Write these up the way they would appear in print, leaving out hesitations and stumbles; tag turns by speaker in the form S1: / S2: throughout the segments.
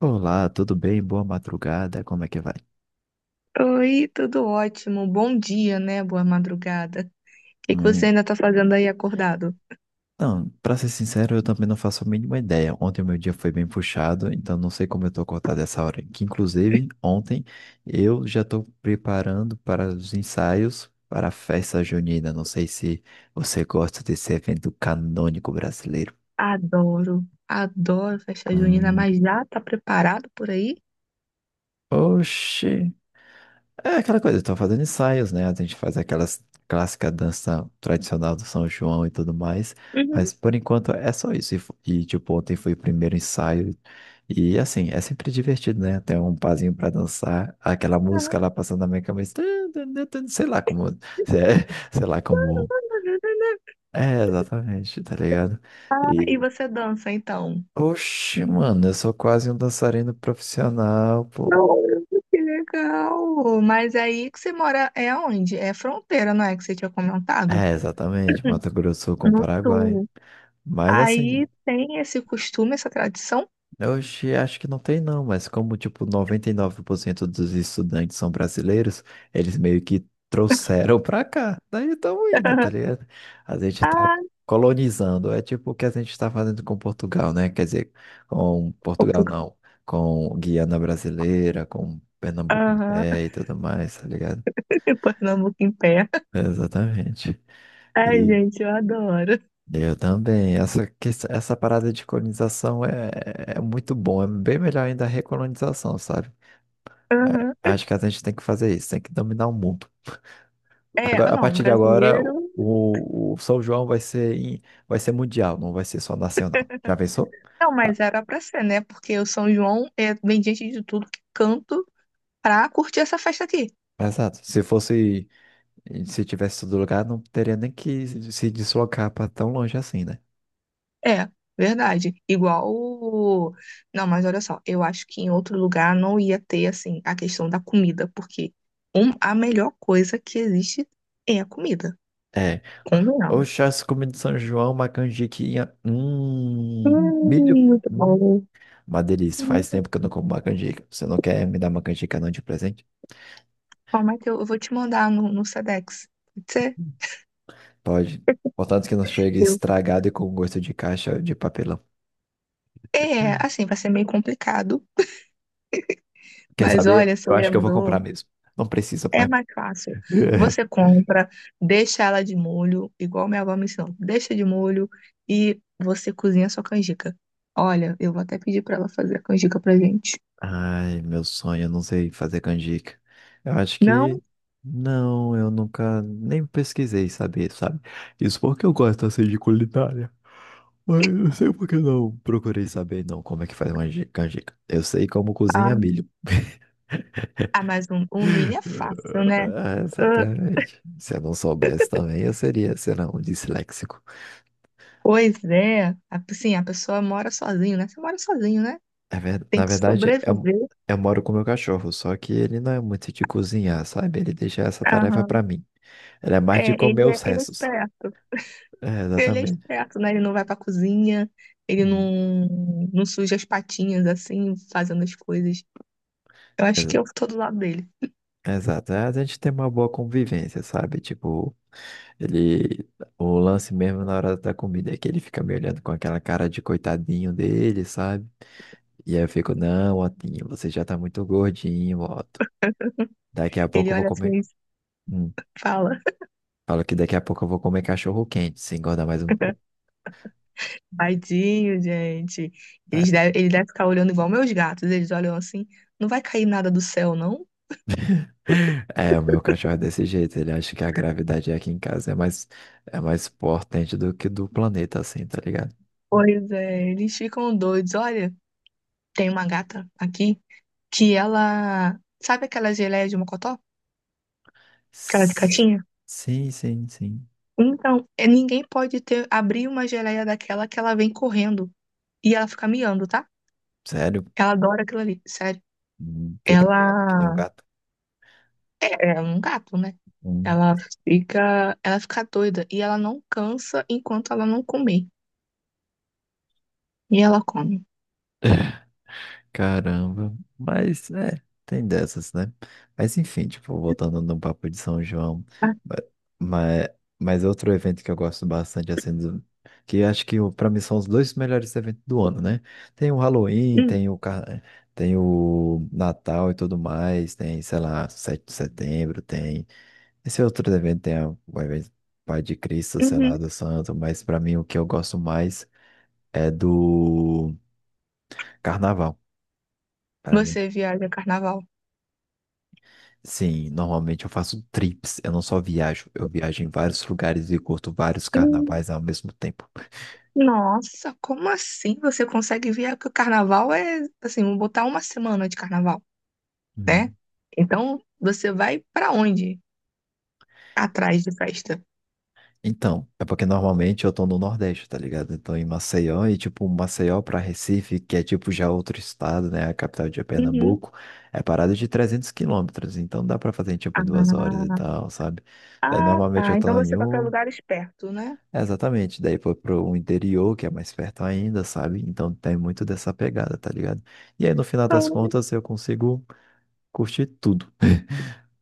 S1: Olá, tudo bem? Boa madrugada, como é que vai?
S2: Oi, tudo ótimo. Bom dia, né? Boa madrugada. O que que você
S1: Hum,
S2: ainda tá fazendo aí acordado?
S1: não, pra ser sincero, eu também não faço a mínima ideia. Ontem o meu dia foi bem puxado, então não sei como eu tô acordado essa hora. Que inclusive, ontem eu já tô preparando para os ensaios para a festa junina. Não sei se você gosta desse evento canônico brasileiro.
S2: Adoro, adoro festa junina,
S1: Hum,
S2: mas já tá preparado por aí?
S1: oxe. É aquela coisa, estou fazendo ensaios, né? A gente faz aquelas clássica dança tradicional do São João e tudo mais,
S2: Uhum.
S1: mas por enquanto é só isso. E, tipo, ontem foi o primeiro ensaio e assim, é sempre divertido, né? Tem um pazinho pra dançar, aquela música lá passando na minha cabeça, sei lá como, é, sei lá como.
S2: Ah,
S1: É, exatamente, tá ligado?
S2: E
S1: E,
S2: você dança então?
S1: oxe, mano, eu sou quase um dançarino profissional, pô.
S2: Adoro. Que legal! Mas aí que você mora é onde? É fronteira, não é? Que você tinha comentado?
S1: É, exatamente, Mato Grosso com o
S2: No
S1: Paraguai.
S2: sul.
S1: Mas
S2: Aí
S1: assim,
S2: tem esse costume, essa tradição?
S1: oxi, acho que não tem não, mas como tipo 99% dos estudantes são brasileiros, eles meio que trouxeram pra cá. Daí estão indo, tá ligado? A gente tá
S2: Ah,
S1: colonizando. É tipo o que a gente tá fazendo com Portugal, né? Quer dizer, com Portugal
S2: Portugal.
S1: não, com Guiana Brasileira, com Pernambuco em
S2: Aham.
S1: pé e tudo mais, tá ligado?
S2: Pernambuco em pé.
S1: Exatamente.
S2: Ai,
S1: E
S2: gente, eu adoro.
S1: eu também. Essa parada de colonização é muito bom. É bem melhor ainda a recolonização, sabe? É,
S2: Aham.
S1: acho que a gente tem que fazer isso, tem que dominar o mundo.
S2: É,
S1: Agora, a
S2: não,
S1: partir de agora,
S2: brasileiro.
S1: o São João vai ser, vai ser mundial, não vai ser só nacional. Já pensou?
S2: Não,
S1: Ah,
S2: mas era pra ser, né? Porque o São João é, vem gente de tudo que é canto pra curtir essa festa aqui.
S1: exato. Se fosse, se tivesse todo lugar, não teria nem que se deslocar para tão longe assim, né?
S2: É, verdade. Não, mas olha só, eu acho que em outro lugar não ia ter, assim, a questão da comida, porque a melhor coisa que existe é a comida.
S1: É. O
S2: Convenhamos.
S1: chassi comida de São João, uma canjiquinha. Milho.
S2: Muito
S1: Hum,
S2: bom.
S1: uma delícia.
S2: Hum,
S1: Faz tempo que eu não como uma canjica. Você não quer me dar uma canjica não de presente?
S2: Bom, Matheus, eu vou te mandar no Sedex. Pode ser?
S1: Pode. Contanto que não chegue
S2: Eu.
S1: estragado e com gosto de caixa de papelão.
S2: É, assim, vai ser meio complicado.
S1: Quer
S2: Mas
S1: saber?
S2: olha, você
S1: Eu acho que eu vou comprar
S2: lembrou.
S1: mesmo. Não precisa,
S2: É
S1: pai.
S2: mais fácil. Você compra, deixa ela de molho, igual minha avó me ensinou. Deixa de molho e você cozinha a sua canjica. Olha, eu vou até pedir pra ela fazer a canjica pra gente.
S1: Ai, meu sonho, eu não sei fazer canjica. Eu acho
S2: Não,
S1: que. Não, eu nunca nem pesquisei saber, sabe? Isso porque eu gosto assim de culinária. Mas eu não sei porque não procurei saber, não, como é que faz uma canjica. Eu sei como cozinha
S2: ah,
S1: milho.
S2: mas um milho é fácil, né?
S1: Ah,
S2: Ah,
S1: exatamente. Se eu não soubesse também, eu seria, sei lá, um disléxico.
S2: pois é. Assim, a pessoa mora sozinho, né? Você mora sozinho, né? Tem
S1: Na
S2: que
S1: verdade,
S2: sobreviver.
S1: eu moro com meu cachorro, só que ele não é muito de cozinhar, sabe? Ele deixa essa tarefa
S2: Aham.
S1: pra mim. Ele é mais de
S2: É,
S1: comer
S2: ele é,
S1: os
S2: ele é
S1: restos.
S2: esperto.
S1: É,
S2: Ele é
S1: exatamente.
S2: esperto, né? Ele não vai pra cozinha, ele
S1: Hum,
S2: não suja as patinhas assim, fazendo as coisas. Eu acho que
S1: exa-
S2: eu tô do lado dele.
S1: Exato. É, a gente tem uma boa convivência, sabe? Tipo, ele. O lance mesmo na hora da comida é que ele fica me olhando com aquela cara de coitadinho dele, sabe? E aí eu fico, não, Otinho, você já tá muito gordinho, Otto. Daqui a pouco
S2: Ele
S1: eu vou
S2: olha assim
S1: comer.
S2: e
S1: Hum.
S2: fala,
S1: Falo que daqui a pouco eu vou comer cachorro quente, se engordar mais um pouco.
S2: tadinho, gente. Ele deve ficar olhando igual meus gatos. Eles olham assim, não vai cair nada do céu, não?
S1: É, o meu cachorro é desse jeito, ele acha que a gravidade aqui em casa é mais potente do que do planeta, assim, tá ligado?
S2: Pois é, eles ficam doidos. Olha, tem uma gata aqui que ela. Sabe aquela geleia de mocotó? Aquela de
S1: S-
S2: catinha?
S1: Sim, sim, sim.
S2: Então, é, ninguém pode ter abrir uma geleia daquela que ela vem correndo. E ela fica miando, tá?
S1: Sério?
S2: Ela adora aquilo ali, sério.
S1: Fica miando que nem um
S2: Ela
S1: gato.
S2: é, é um gato, né?
S1: Hum.
S2: Ela ela fica doida e ela não cansa enquanto ela não comer. E ela come.
S1: Caramba, mas é, tem dessas, né? Mas enfim, tipo, voltando no papo de São João,
S2: Ah,
S1: mas, mas é outro evento que eu gosto bastante, assim, que acho que pra mim são os dois melhores eventos do ano, né? Tem o Halloween,
S2: hum,
S1: tem o Natal e tudo mais, tem, sei lá, 7 de setembro, tem esse outro evento, o evento Pai de Cristo, sei
S2: uhum.
S1: lá, do Santo, mas pra mim o que eu gosto mais é do Carnaval. Pra mim
S2: Você viaja carnaval.
S1: sim, normalmente eu faço trips, eu não só viajo, eu viajo em vários lugares e curto vários
S2: Hum,
S1: carnavais ao mesmo tempo.
S2: Nossa, como assim você consegue viajar? Porque o carnaval é, assim, vou botar uma semana de carnaval, né?
S1: Hum.
S2: Então, você vai pra onde? Atrás de festa.
S1: Então, é porque normalmente eu tô no Nordeste, tá ligado? Então em Maceió e tipo Maceió pra Recife, que é tipo já outro estado, né? A capital de
S2: Uhum.
S1: Pernambuco, é parada de 300 quilômetros, então dá pra fazer tipo em
S2: Ah,
S1: 2 horas e tal, sabe? Daí normalmente eu
S2: tá. Então
S1: tô em
S2: você vai pra
S1: um
S2: lugares perto, né?
S1: é, exatamente, daí foi pro interior, que é mais perto ainda, sabe? Então tem muito dessa pegada, tá ligado? E aí no final
S2: Ah,
S1: das contas eu consigo curtir tudo.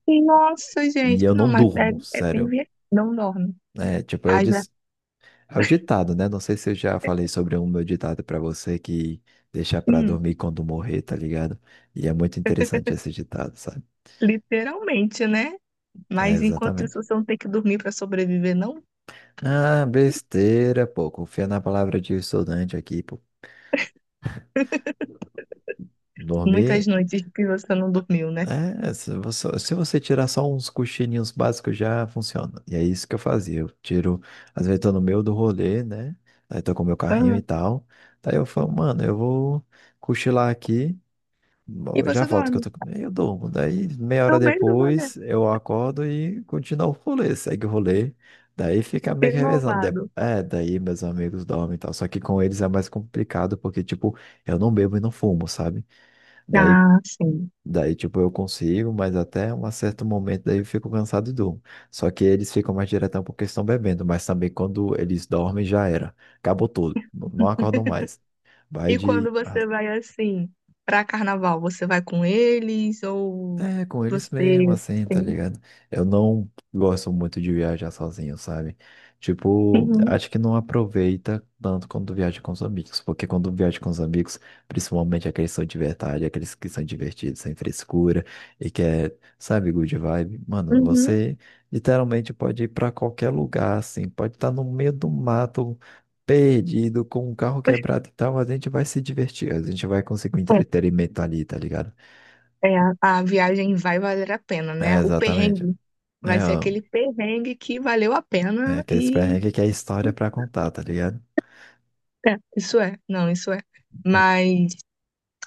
S2: Nossa,
S1: E
S2: gente.
S1: eu
S2: Não,
S1: não
S2: mas é,
S1: durmo,
S2: é bem
S1: sério.
S2: viajado. Não dorme.
S1: É, tipo, eu
S2: Ai, já.
S1: disse, é o ditado, né? Não sei se eu já falei sobre um meu ditado pra você que deixa pra
S2: Hum.
S1: dormir quando morrer, tá ligado? E é muito interessante esse ditado, sabe?
S2: Literalmente, né?
S1: É,
S2: Mas enquanto isso,
S1: exatamente.
S2: você não tem que dormir para sobreviver, não?
S1: Ah, besteira, pô. Confia na palavra de estudante aqui, pô.
S2: Muitas
S1: Dormir
S2: noites que você não dormiu, né?
S1: é, se você, se você tirar só uns cochilinhos básicos já funciona. E é isso que eu fazia. Eu tiro, às vezes tô no meio do rolê, né? Aí tô com meu carrinho
S2: Ah,
S1: e tal. Daí eu falo, mano, eu vou cochilar aqui,
S2: e
S1: eu já
S2: você
S1: volto que eu
S2: dorme.
S1: Eu durmo. Daí meia
S2: No
S1: hora
S2: meio do mané.
S1: depois eu acordo e continuo o rolê, segue o rolê. Daí fica meio que revezando.
S2: Renovado.
S1: É, daí meus amigos dormem e tal. Só que com eles é mais complicado porque, tipo, eu não bebo e não fumo, sabe? Daí
S2: Ah, sim.
S1: daí, tipo, eu consigo, mas até um certo momento daí eu fico cansado e durmo. Só que eles ficam mais diretão porque estão bebendo, mas também quando eles dormem já era. Acabou tudo. Não acordam mais. Vai
S2: E quando
S1: de ah,
S2: você vai assim, para carnaval, você vai com eles ou
S1: é, com eles mesmo,
S2: você.
S1: assim, tá
S2: Sim.
S1: ligado? Eu não gosto muito de viajar sozinho, sabe? Tipo,
S2: Uhum,
S1: acho que não aproveita tanto quando viaja com os amigos, porque quando viaja com os amigos, principalmente aqueles que são de verdade, aqueles que são divertidos, sem frescura e que é, sabe, good vibe, mano,
S2: uhum.
S1: você literalmente pode ir pra qualquer lugar, assim, pode estar no meio do mato, perdido, com o carro quebrado e tal, mas a gente vai se divertir, a gente vai conseguir um entretenimento ali, tá ligado?
S2: É, a viagem vai valer a pena,
S1: É,
S2: né? O
S1: exatamente.
S2: perrengue vai
S1: É,
S2: ser
S1: ó,
S2: aquele perrengue que valeu a
S1: é
S2: pena
S1: aqueles
S2: e
S1: perrengues que é história pra contar, tá ligado?
S2: É, isso é, não, isso é. Mas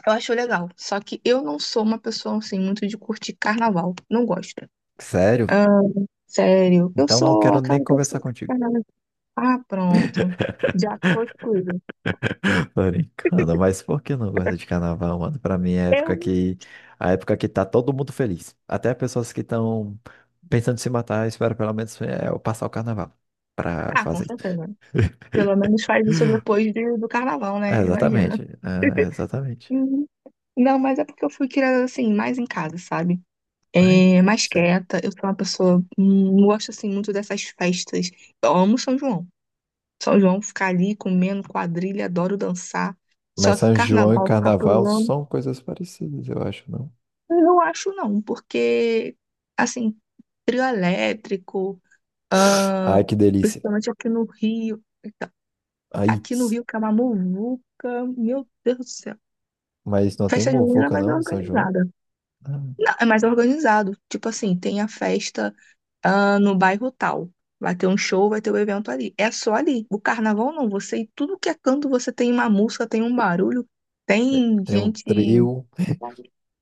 S2: eu acho legal. Só que eu não sou uma pessoa assim muito de curtir carnaval. Não gosto.
S1: Sério?
S2: Ah, sério, eu
S1: Então não
S2: sou
S1: quero nem
S2: aquela
S1: conversar
S2: pessoa que
S1: contigo.
S2: carnaval. Ah, pronto. Já foi tudo.
S1: Tô brincando, mas por que eu não gosto de carnaval, mano? Pra mim é a época
S2: Eu.
S1: que... A época que tá todo mundo feliz. Até pessoas que estão pensando em se matar, espero pelo menos é, eu passar o carnaval pra
S2: Ah, com
S1: fazer isso.
S2: certeza. Pelo menos faz isso do carnaval,
S1: É,
S2: né?
S1: exatamente.
S2: Imagina.
S1: É, exatamente.
S2: Uhum. Não, mas é porque eu fui criada assim, mais em casa, sabe?
S1: Ai,
S2: É, mais
S1: sério.
S2: quieta. Eu sou uma pessoa. Não gosto assim muito dessas festas. Eu amo São João. São João ficar ali comendo quadrilha, adoro dançar. Só
S1: Mas
S2: que
S1: São João e
S2: carnaval ficar
S1: carnaval
S2: pulando,
S1: são coisas parecidas, eu acho, não?
S2: eu não acho não, porque assim, trio elétrico, ahn,
S1: Ai, que delícia.
S2: principalmente
S1: Ai,
S2: aqui no Rio que é uma muvuca, meu Deus do céu.
S1: mas não tem
S2: Festa junina é
S1: muvuca,
S2: mais
S1: não, no São João?
S2: organizada.
S1: Ah,
S2: Não, é mais organizado. Tipo assim, tem a festa, ah, no bairro tal. Vai ter um show, vai ter um evento ali. É só ali. O carnaval não. Você, em tudo que é canto, você tem uma música, tem um barulho, tem
S1: tem um
S2: gente.
S1: trio,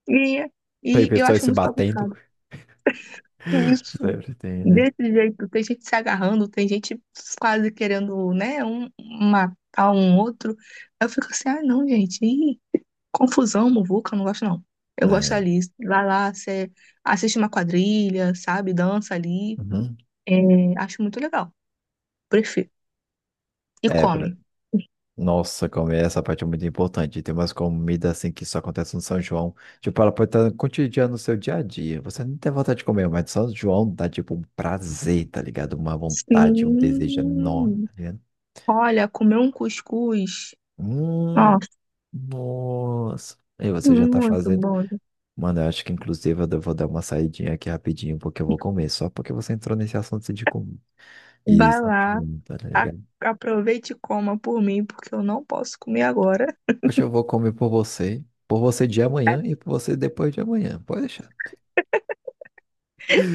S2: E,
S1: tem
S2: e eu
S1: pessoas
S2: acho
S1: se
S2: muito
S1: batendo.
S2: bagunçado. Que isso.
S1: Sempre tem, né?
S2: Desse jeito, tem gente se agarrando, tem gente quase querendo, né, um, matar um outro. Eu fico assim, ah, não, gente. Confusão, muvuca, eu não gosto, não. Eu gosto
S1: É,
S2: ali, vai lá, você assiste uma quadrilha, sabe? Dança ali.
S1: uhum.
S2: É, acho muito legal. Prefiro. E
S1: É,
S2: come.
S1: nossa, como é essa parte é muito importante. Tem umas comidas assim que só acontece no São João. Tipo, ela pode estar cotidiana no seu dia a dia. Você não tem vontade de comer, mas São João dá tipo um prazer, tá ligado? Uma vontade, um desejo enorme,
S2: Sim.
S1: tá ligado?
S2: Olha, comer um cuscuz.
S1: Hum,
S2: Nossa,
S1: nossa. E você já tá
S2: muito
S1: fazendo.
S2: bom.
S1: Mano, eu acho que inclusive eu vou dar uma saidinha aqui rapidinho, porque eu vou comer, só porque você entrou nesse assunto de comer. E isso,
S2: Vai lá,
S1: tá
S2: a-
S1: ligado?
S2: aproveite e coma por mim, porque eu não posso comer agora.
S1: Hoje eu vou comer por você de amanhã e por você depois de amanhã. Pode deixar.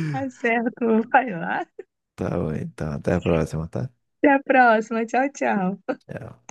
S2: Tá certo, vai lá.
S1: Tá bom, então até a próxima, tá?
S2: Até a próxima. Tchau, tchau.
S1: Tchau.